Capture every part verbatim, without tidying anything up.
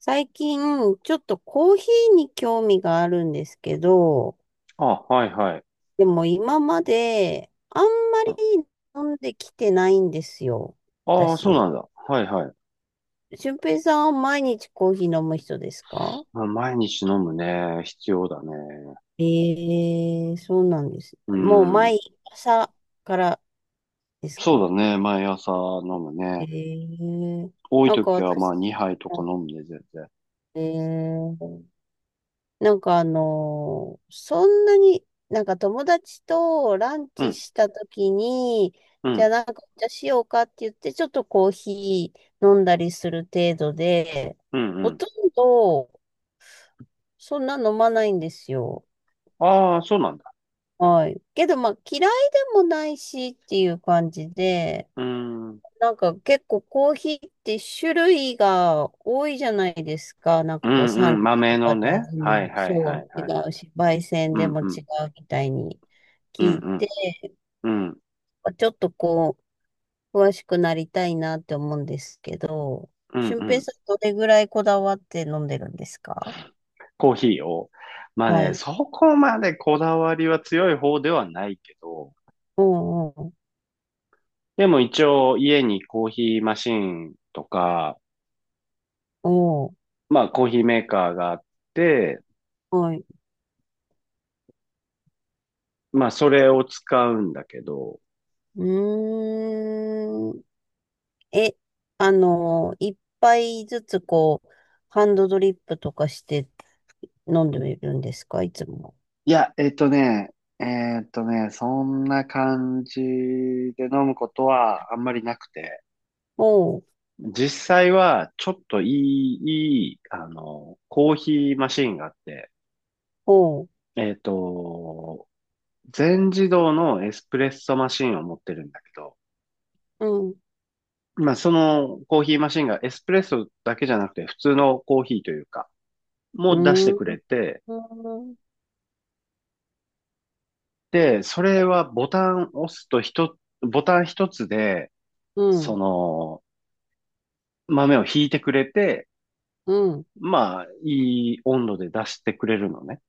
最近、ちょっとコーヒーに興味があるんですけど、あ、はいはい。でも今まであんまり飲んできてないんですよ、ああー、そう私。なんだ。はいはい。俊平さんは毎日コーヒー飲む人ですか？まあ、毎日飲むね。必要だね。ええー、そうなんです。うもうん。毎朝からですそか？うだね。毎朝飲むえね。えー、多いなんか時はま私、あにはいとか飲むね、全然。ええ、なんかあのーそんなに、なんか友達とランうチん、した時に、うじゃあん、なんかお茶しようかって言って、ちょっとコーヒー飲んだりする程度で、うん、うほん。とんどそんな飲まないんですよ。ああ、そうなんだ。はい。けどまあ嫌いでもないしっていう感じで、うん、うん、なんか結構コーヒーって種類が多いじゃないですか。なんうかこう産ん。地豆とかのでね。味はいもはいはそいう違はい。うし、焙煎うでん、も違うん、うみたいにう聞ん、いて、うん、うん、ちょっとこう詳しくなりたいなって思うんですけど、うん、う俊平ん。さんどれぐらいこだわって飲んでるんですか？コーヒーを。まあはね、い。そこまでこだわりは強い方ではないけど、おうおうでも一応家にコーヒーマシンとか、おう、まあコーヒーメーカーがあって、はい。まあそれを使うんだけど、うーん。え、あの、一杯ずつこう、ハンドドリップとかして飲んでみるんですか、いつも？いや、えっとね、えっとね、そんな感じで飲むことはあんまりなくて。ほう、実際はちょっといい、いい、あの、コーヒーマシンがあって、ほう、えっと、全自動のエスプレッソマシンを持ってるんだけど、うん、まあ、そのコーヒーマシンがエスプレッソだけじゃなくて普通のコーヒーというか、うもう出してーくれん、て、で、それはボタンを押すと一つ、ボタン一つで、うそん、の豆を引いてくれて、うん。まあ、いい温度で出してくれるのね。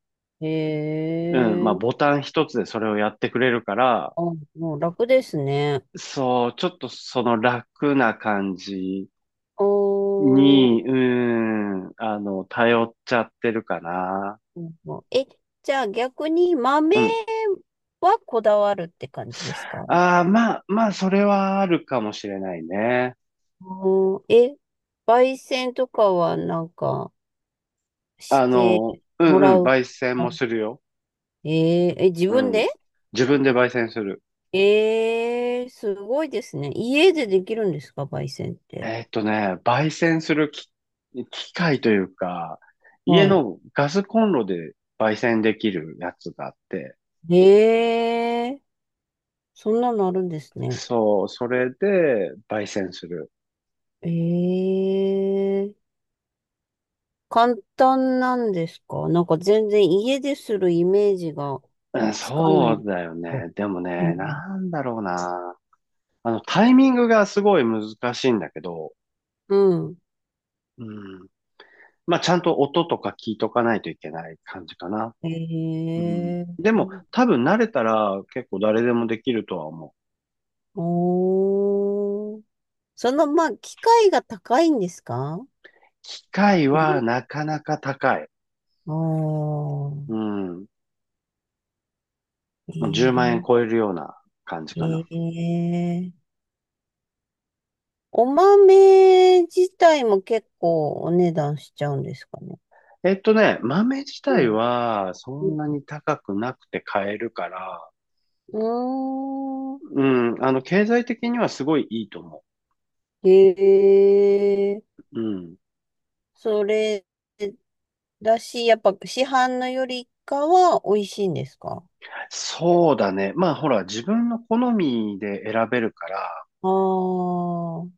へうん、まあ、え、ボタン一つでそれをやってくれるから、あ、もう楽ですね。そう、ちょっとその楽な感じおー、に、うん、あの、頼っちゃってるかな。え、じゃあ逆に豆うん。はこだわるって感じですか？ああ、まあ、まあ、それはあるかもしれないね。おん、え、焙煎とかはなんかしあての、うもんらうん、う。焙煎もするよ。えー、え、自う分ん。で、自分で焙煎する。えー、すごいですね。家でできるんですか、焙煎って？えーっとね、焙煎するき機械というか、家はのガスコンロで焙煎できるやつがあって、い。ええ、そんなのあるんですね。そう、それで焙煎する。ええ、簡単なんですか？なんか全然家でするイメージがうん、つかなそうい。だようね。でもね、ん。なんだろうな。あの、タイミングがすごい難しいんだけど、うん。うん、まあ、ちゃんと音とか聞いとかないといけない感じかな。うん。ええ、でも、多分慣れたら結構誰でもできるとは思う。おー。その、まあ、機械が高いんですか？機械はなかなか高い。ああうー、ん。もうじゅうまん円え超えるような感じかな。えええ、お豆自体も結構お値段しちゃうんですかね？えっとね、豆自体はそんなうに高くなくて買えるから、ーん。うん、あの、経済的にはすごいいいと思へえ。う。うん。それだし、やっぱ市販のよりかは美味しいんですか？そうだね。まあ、ほら、自分の好みで選べるから、ああー。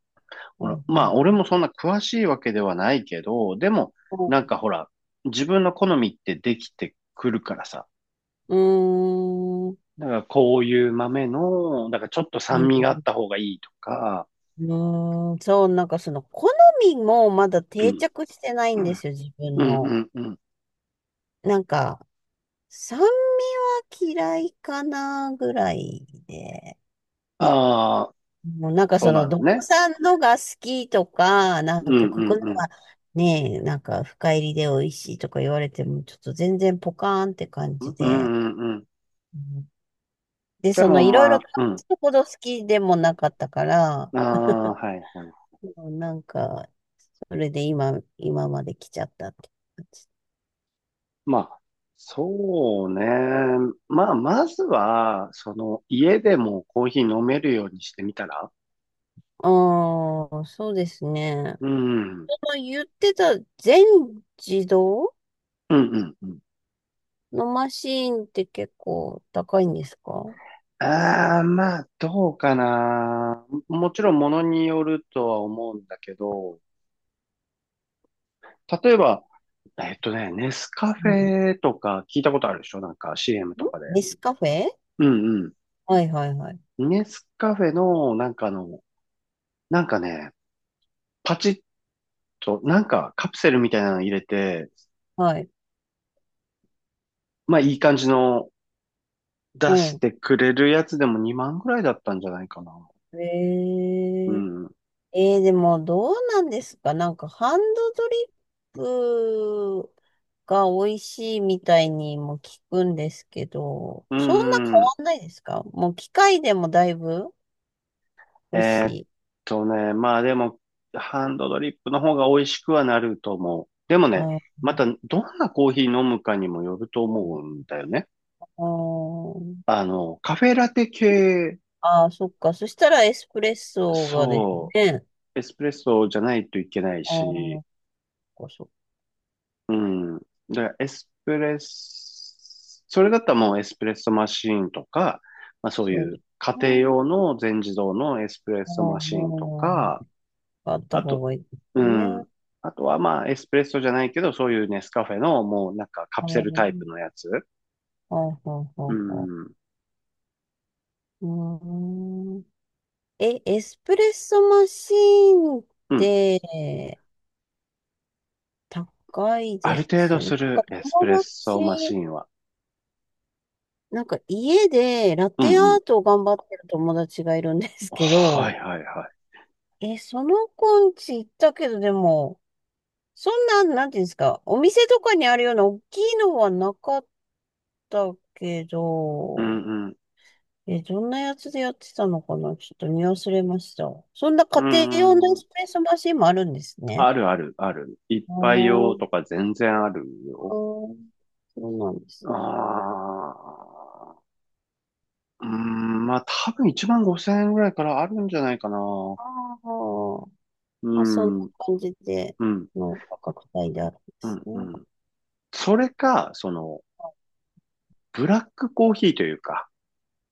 うほら、んうまあ、俺んもそんな詳しいわけではないけど、でも、なんかほら、自分の好みってできてくるからさ。うん。うーん。だからこういう豆の、だからちょっとう酸ん味があった方がいいとか、うん、そう、なんかその好みもまだう定ん、着してないうんでん、すよ、自う分の。ん、うんうん。なんか、サンマ嫌いかなぐらいで。あもうなんあ、かそそうなの、のどこね。さんのが好きとか、なうん、んうかここん、のうん。はね、なんか深入りで美味しいとか言われても、ちょっと全然ポカーンって感うじん、うで。ん、うん。うん、で、でそのもいろいまろ食あ、うん。べほど好きでもなかったから、ああ、はい、はい。もうなんか、それで今、今まで来ちゃったって感じ。まあ、そうね。まあ、まずは、その、家でもコーヒー飲めるようにしてみたら。ああ、そうですね。うん。その言ってた全自動うんうんうん。のマシーンって結構高いんですか？ああ、まあ、どうかな。もちろん、ものによるとは思うんだけど、例えば、えっとね、ネスカフうん。ん、ェとか聞いたことあるでしょなんか シーエム とかで。ネスカフェ、うんはいはいはい。うん。ネスカフェの、なんかの、なんかね、パチッと、なんかカプセルみたいなの入れて、はい。まあ、いい感じの出しうてくれるやつでもにまんぐらいだったんじゃないかな。ん。えうー、ん。えー、でもどうなんですかなんかハンドドリップが美味しいみたいにも聞くんですけど、うそんな変んうん。わんないですか？もう機械でもだいぶ美味しえーっい。とね、まあでも、ハンドドリップの方が美味しくはなると思う。でもあね、ーまたどんなコーヒー飲むかにもよると思うんだよね。あー、あの、カフェラテ系、あーそっか。そしたらエスプレッソがですそね。う、エスプレッソじゃないといけないああ、そし、っかそっか、うん。だからエスプレッソ、それだったらもうエスプレッソマシーンとか、まあそういそううで家す庭ね。用の全自動のエスプレッソマシーンあとか、あ、あったあ方と、がいいですうん。ね。あとはまあ、エスプレッソじゃないけど、そういうネスカフェのもうなんかカプセルタイプのやつ。ほうほうほううほん。う。うーん。え、エスプレッソマシーンっうん。て高いあでるす程度よね。なんすかるエスプレッ友ソマ達、シンは。なんか家でラうテアんうん。ートを頑張ってる友達がいるんですけはど、いはいはい。え、その子んチ行ったけど、でも、そんな、なんていうんですか、お店とかにあるような大きいのはなかったけうど、んうん。え、どんなやつでやってたのかな、ちょっと見忘れました。そんなう家庭用のエん。スプレッソマシンもあるんですね。あるあるある。一あ杯用ーとか全然あるあよ。ー、そうなんです。ああ。うん。まあ多分いちまんごせん円ぐらいからあるんじゃないかな。ああ、まうあそんなん。感じでうん。の価格帯であるんでうすん。うね。ん。それか、その、ブラックコーヒーというか、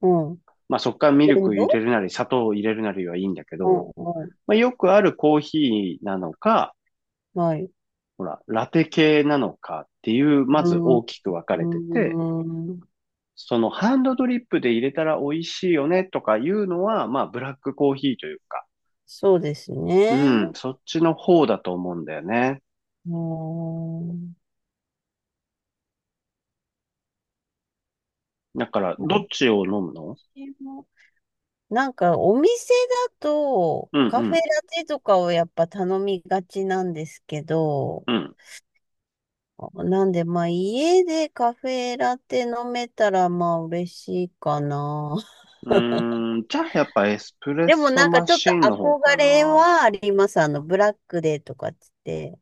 うん。まあそっからミブルレンク入れド、るなり、砂糖を入れるなりはいいんだけうど、んうん。まあよくあるコーヒーなのか、はい。うほら、ラテ系なのかっていう、ーまずん、う大きく分かれてて、ーん、そのハンドドリップで入れたら美味しいよねとかいうのは、まあブラックコーヒーというか、そうですね。うん、そっちの方だと思うんだよね。うーん。だから、どっちを飲むの。なんかお店だとうカフェんラテとかをやっぱ頼みがちなんですけど、うん、なんでまあ家でカフェラテ飲めたらまあ嬉しいかな。うん。うーん、じゃあやっぱエスプレッでもソなんかマちょっとシンの方憧かれな。はあります。あのブラックデーとかっつって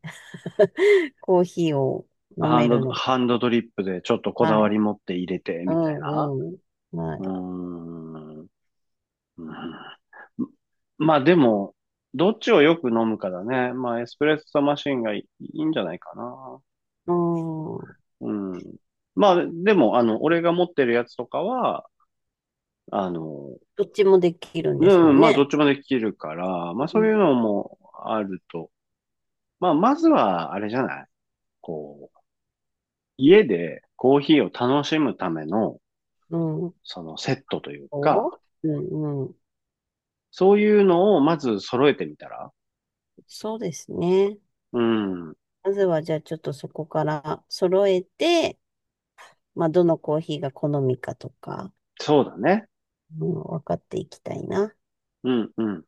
コーヒーを飲ハンめるド、の。ハンドドリップでちょっとこだはわい。り持って入れてうみたいな。んうん。はうーい。ん。うん。まあでも、どっちをよく飲むかだね。まあエスプレッソマシンがいいんじゃないかな。うん。うん。まあでも、あの、俺が持ってるやつとかは、あの、どっちもできるんですもうんん、まあどっね。ちもできるから、まうあそういん。うのもあると。まあまずは、あれじゃないこう、家でコーヒーを楽しむための、うん。そのセットというおか、うんうん。そういうのをまず揃えてみたら。そうですね。うん、まずはじゃあちょっとそこから揃えて、まあどのコーヒーが好みかとか、そうだね。うん、分かっていきたいな。うん、うん。